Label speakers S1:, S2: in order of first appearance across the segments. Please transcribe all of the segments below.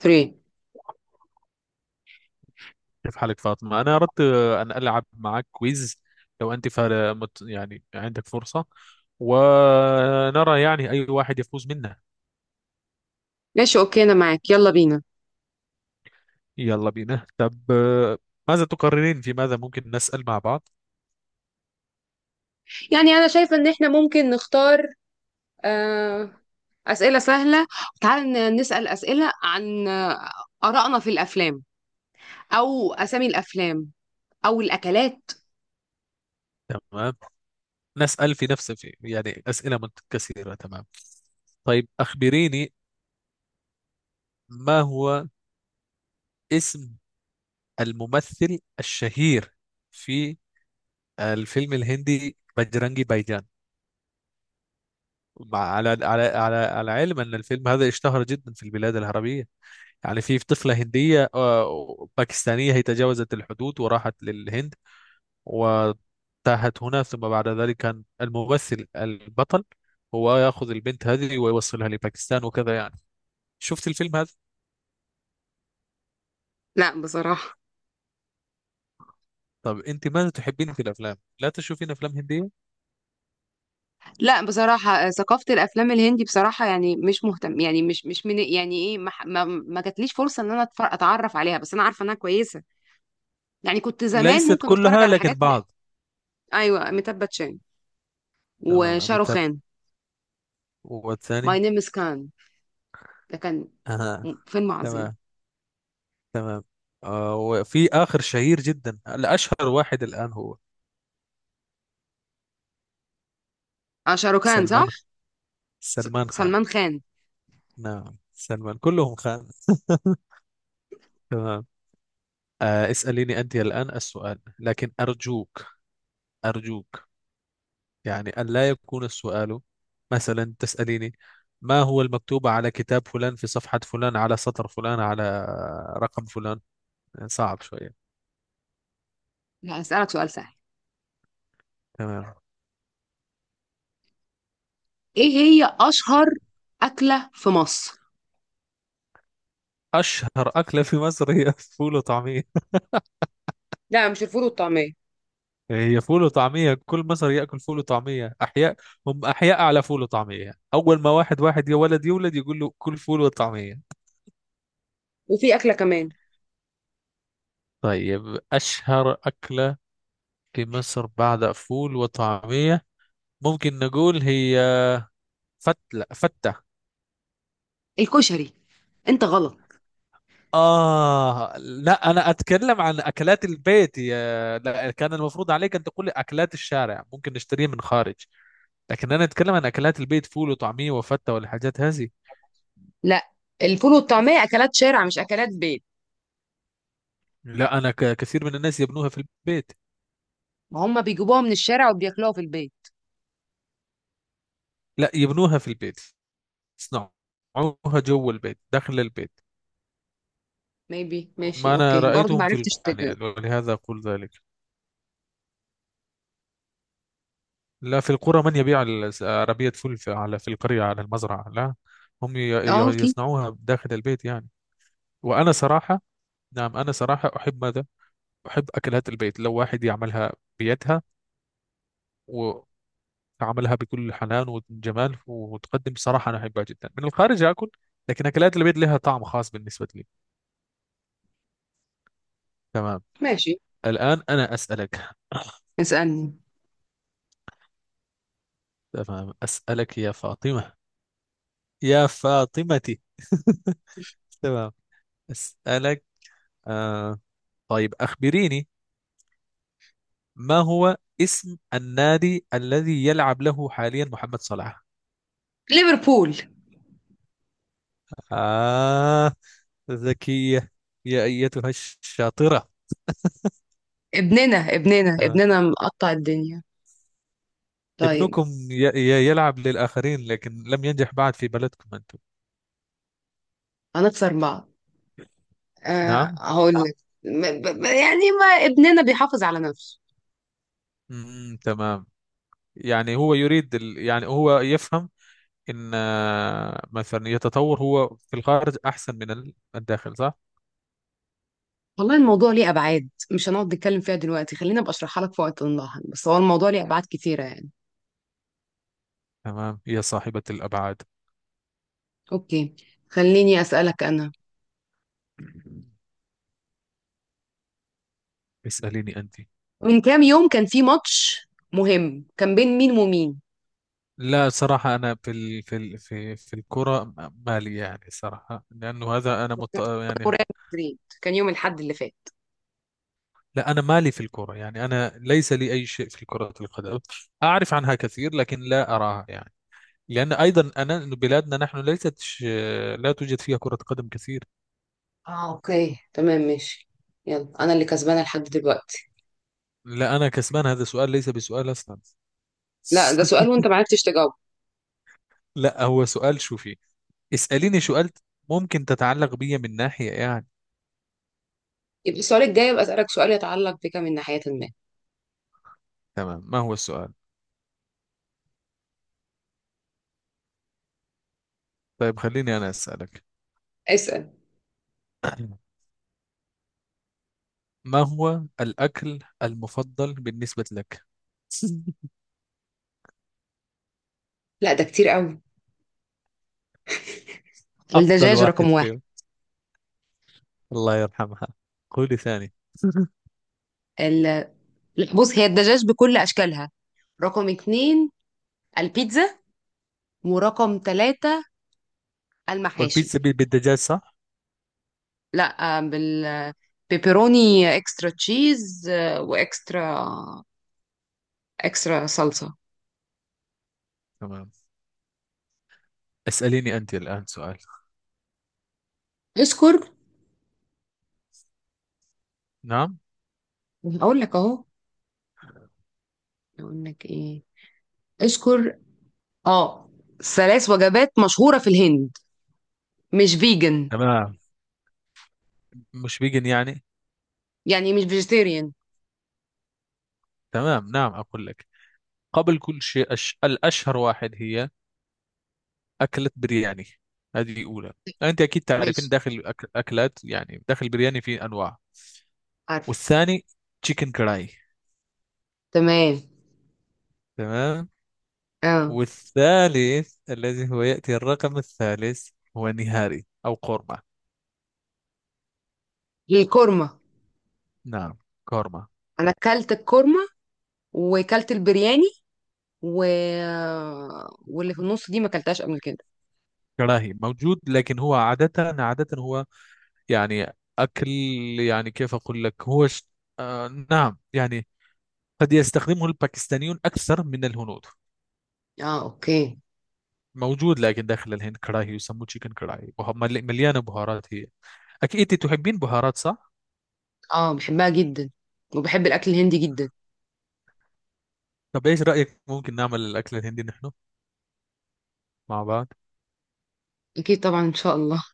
S1: 3.
S2: كيف حالك فاطمة؟ أنا أردت أن ألعب معك كويز. لو أنت يعني عندك فرصة، ونرى يعني أي واحد يفوز منا.
S1: ماشي، اوكي، انا معاك، يلا بينا.
S2: يلا بينا، طب ماذا تقررين، في ماذا ممكن نسأل مع بعض؟
S1: يعني انا شايفة ان احنا ممكن نختار، آه، اسئلة سهلة. تعال نسأل اسئلة عن آرائنا في الافلام، او اسامي الافلام، او الاكلات.
S2: تمام، نسأل في نفس في يعني أسئلة متكثرة. تمام. طيب أخبريني، ما هو اسم الممثل الشهير في الفيلم الهندي بجرانجي بايجان؟ مع على على على على علم ان الفيلم هذا اشتهر جدا في البلاد العربيه. يعني في طفله هنديه باكستانيه، هي تجاوزت الحدود وراحت للهند وتاهت هنا. ثم بعد ذلك كان الممثل البطل هو ياخذ البنت هذه ويوصلها لباكستان وكذا يعني. شفت الفيلم هذا؟
S1: لا، بصراحة.
S2: طب انت ماذا تحبين في الافلام؟ لا تشوفين افلام هنديه؟
S1: لا، بصراحة، ثقافة الافلام الهندي بصراحة، يعني مش مهتم، يعني مش من يعني ايه، ما ما جاتليش فرصة ان انا اتعرف عليها، بس انا عارفة انها كويسة. يعني كنت زمان
S2: ليست
S1: ممكن اتفرج
S2: كلها
S1: على
S2: لكن
S1: حاجات.
S2: بعض.
S1: ايوه، أميتاب باتشان
S2: تمام، اميتاب،
S1: وشاروخان. ماي
S2: والثاني؟
S1: نيم از، ده كان
S2: آه.
S1: فيلم عظيم.
S2: تمام، تمام. آه، وفي آخر شهير جدا، الأشهر واحد الآن، هو
S1: اه، شاروخان،
S2: سلمان
S1: صح.
S2: سلمان خان.
S1: سلمان خان.
S2: نعم، سلمان، كلهم خان. تمام. آه، اسأليني أنت الآن السؤال، لكن أرجوك، أرجوك، يعني أن لا يكون السؤال مثلا تسأليني، ما هو المكتوب على كتاب فلان في صفحة فلان على سطر فلان على رقم فلان. صعب شوية.
S1: لا، هسألك سؤال سهل.
S2: تمام.
S1: ايه هي اشهر اكلة في مصر؟
S2: أشهر أكلة في مصر هي فول وطعمية.
S1: لا، مش الفول والطعمية.
S2: هي فول وطعمية، كل مصر يأكل فول وطعمية. أحياء، هم أحياء على فول وطعمية. أول ما واحد يا ولد يولد يقول له كل فول وطعمية.
S1: وفي اكلة كمان.
S2: طيب، أشهر أكلة في مصر بعد فول وطعمية، ممكن نقول هي فتة.
S1: الكشري. انت غلط.
S2: آه لا، أنا أتكلم عن أكلات البيت. يا لا، كان المفروض عليك أن تقول لي أكلات الشارع ممكن نشتريها من خارج، لكن أنا أتكلم عن أكلات البيت: فول وطعمية وفتة والحاجات هذه.
S1: لا، الفول والطعمية اكلات شارع، مش اكلات بيت.
S2: لا أنا، كثير من الناس يبنوها في البيت.
S1: ما هم بيجيبوها من الشارع وبياكلوها في البيت.
S2: لا، يبنوها في البيت، يصنعوها جوا البيت، داخل البيت.
S1: ميبي، ماشي،
S2: ما أنا
S1: اوكي، برضو ما
S2: رأيتهم في
S1: عرفتش
S2: القرآن
S1: تجاوب.
S2: يعني، ولهذا أقول ذلك. لا، في القرى من يبيع عربية فول في، على، في القرية على المزرعة، لا. هم
S1: اه، في.
S2: يصنعوها داخل البيت يعني. وأنا صراحة، نعم أنا صراحة أحب ماذا؟ أحب أكلات البيت، لو واحد يعملها بيدها وعملها بكل حنان وجمال وتقدم. صراحة أنا أحبها جدا. من الخارج أكل، لكن أكلات البيت لها طعم خاص بالنسبة لي. تمام.
S1: ماشي،
S2: الآن أنا أسألك.
S1: اسألني.
S2: تمام، أسألك يا فاطمة، يا فاطمتي. تمام، أسألك. آه، طيب أخبريني، ما هو اسم النادي الذي يلعب له حاليا محمد صلاح؟
S1: ليفربول.
S2: آه، ذكية، يا أيتها الشاطرة.
S1: ابننا ابننا
S2: تمام.
S1: ابننا مقطع الدنيا. طيب.
S2: ابنكم يلعب للآخرين، لكن لم ينجح بعد في بلدكم أنتم.
S1: هنخسر بعض.
S2: نعم.
S1: هقول لك، يعني ما ابننا بيحافظ على نفسه.
S2: مم، تمام. يعني هو يريد يعني هو يفهم ان مثلا يتطور هو في الخارج احسن من الداخل، صح؟
S1: والله، الموضوع ليه ابعاد، مش هنقعد نتكلم فيها دلوقتي، خلينا ابقى اشرحها لك في وقت لاحق، بس هو الموضوع ليه ابعاد كتيره يعني.
S2: تمام، يا صاحبة الابعاد.
S1: اوكي. خليني اسالك انا.
S2: اساليني انت.
S1: من كام يوم كان في ماتش مهم، كان بين مين ومين؟
S2: لا صراحة، أنا في ال... في ال... في في الكرة، مالي يعني، صراحة، لأنه هذا أنا يعني.
S1: مدريد، كان يوم الاحد اللي فات.
S2: لا، أنا مالي في الكرة، يعني أنا ليس لي أي شيء في كرة القدم. أعرف عنها كثير لكن لا أراها يعني. لأن أيضا أنا، إنه بلادنا نحن ليست لا توجد فيها كرة قدم كثير.
S1: اه، اوكي، تمام، ماشي. يلا، انا اللي كسبانه لحد دلوقتي.
S2: لا، أنا كسبان، هذا السؤال ليس بسؤال أصلا.
S1: لا، ده سؤال وانت ما عرفتش تجاوب.
S2: لا، هو سؤال، شوفي، اسأليني سؤال ممكن تتعلق بيا من ناحية يعني.
S1: يبقى السؤال الجاي، ابقى اسالك سؤال يتعلق بك من ناحيه ما.
S2: تمام، ما هو السؤال؟ طيب خليني أنا أسألك.
S1: اسال.
S2: ما هو الأكل المفضل بالنسبة لك؟
S1: لا، ده كتير قوي.
S2: أفضل
S1: الدجاج
S2: واحد
S1: رقم واحد.
S2: فيهم، الله يرحمها. قولي ثاني.
S1: ال- بص، هي الدجاج بكل أشكالها. رقم 2، البيتزا. ورقم 3، المحاشي.
S2: والبيتزا بالدجاج، صح؟
S1: لا، بالبيبروني، اكسترا تشيز، واكسترا صلصة.
S2: تمام. اسأليني أنت الآن سؤال.
S1: اشكر.
S2: نعم.
S1: اقول لك اهو. اقول لك ايه. اشكر، اه. 3 وجبات مشهورة في الهند، مش فيجن.
S2: تمام، مش فيجن يعني؟
S1: يعني مش فيجيتيريان.
S2: تمام، نعم أقول لك. قبل كل شيء الأشهر واحد هي أكلة برياني، هذه أولى. أنت أكيد تعرفين
S1: ماشي،
S2: داخل أكلات يعني داخل برياني في أنواع.
S1: عارف،
S2: والثاني، تشيكن كراي.
S1: تمام،
S2: تمام.
S1: اه.
S2: والثالث الذي هو يأتي الرقم الثالث، هو نهاري أو قورمة.
S1: الكورمة.
S2: نعم، قورمة.
S1: انا اكلت الكورمة، وكلت البرياني، و... واللي في النص دي ما اكلتهاش قبل كده.
S2: كراهي موجود، لكن هو عادة، عادة هو يعني أكل، يعني كيف أقول لك، هو آه نعم يعني، قد يستخدمه الباكستانيون أكثر من الهنود.
S1: اه، اوكي.
S2: موجود، لكن داخل الهند كراهي يسموه تشيكن كراهي، مليانة بهارات هي. أكيد أنت تحبين بهارات، صح؟
S1: اه، بحبها جدا، وبحب الاكل الهندي جدا.
S2: طب إيش رأيك، ممكن نعمل الأكل الهندي نحن مع بعض؟
S1: اكيد طبعا، ان شاء الله.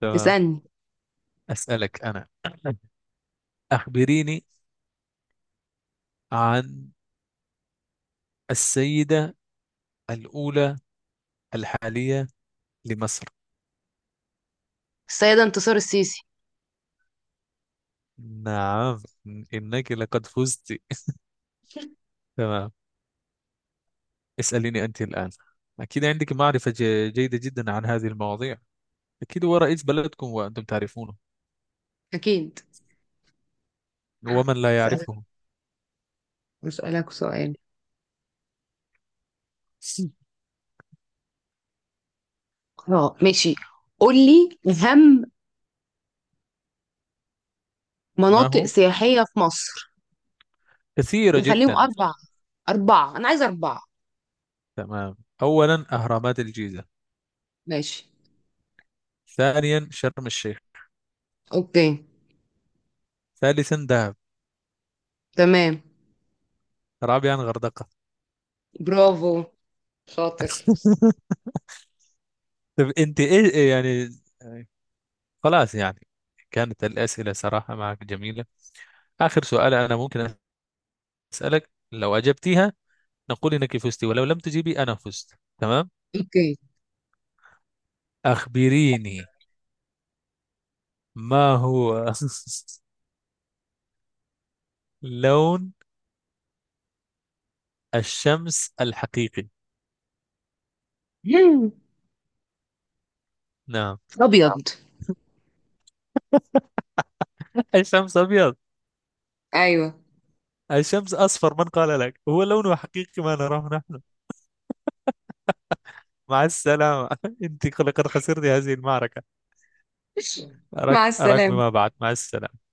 S2: تمام.
S1: اسالني.
S2: أسألك أنا، أخبريني عن السيدة الأولى الحالية لمصر.
S1: السيده انتصار السيسي.
S2: نعم، إنك لقد فزت. تمام. اسأليني أنت الآن. أكيد عندك معرفة جيدة جدا عن هذه المواضيع، أكيد هو رئيس بلدكم وأنتم تعرفونه،
S1: اكيد.
S2: ومن لا
S1: اسالك
S2: يعرفه.
S1: اسالك سؤال. اه، ماشي. قولي اهم
S2: ما
S1: مناطق
S2: هو؟
S1: سياحيه في مصر.
S2: كثيرة
S1: نخليهم
S2: جدا.
S1: اربعه، 4 انا عايزه 4.
S2: تمام، أولا أهرامات الجيزة،
S1: ماشي.
S2: ثانيا شرم الشيخ،
S1: اوكي.
S2: ثالثا دهب،
S1: تمام.
S2: رابعا غردقة.
S1: برافو، شاطر.
S2: طب أنت إيه يعني، يعني خلاص يعني، كانت الأسئلة صراحة معك جميلة. آخر سؤال أنا ممكن أسألك، لو أجبتيها نقول إنك فزتي، ولو لم تجيبي أنا فزت. تمام.
S1: اوكي.
S2: أخبريني، ما هو لون الشمس الحقيقي؟ نعم.
S1: ابيض.
S2: الشمس أبيض؟
S1: ايوه.
S2: الشمس أصفر، من قال لك هو لونه حقيقي ما نراه نحن؟ مع السلامة. أنت لقد خسرت هذه المعركة. أراك
S1: مع
S2: أراك
S1: السلامه.
S2: بما بعد، مع السلامة.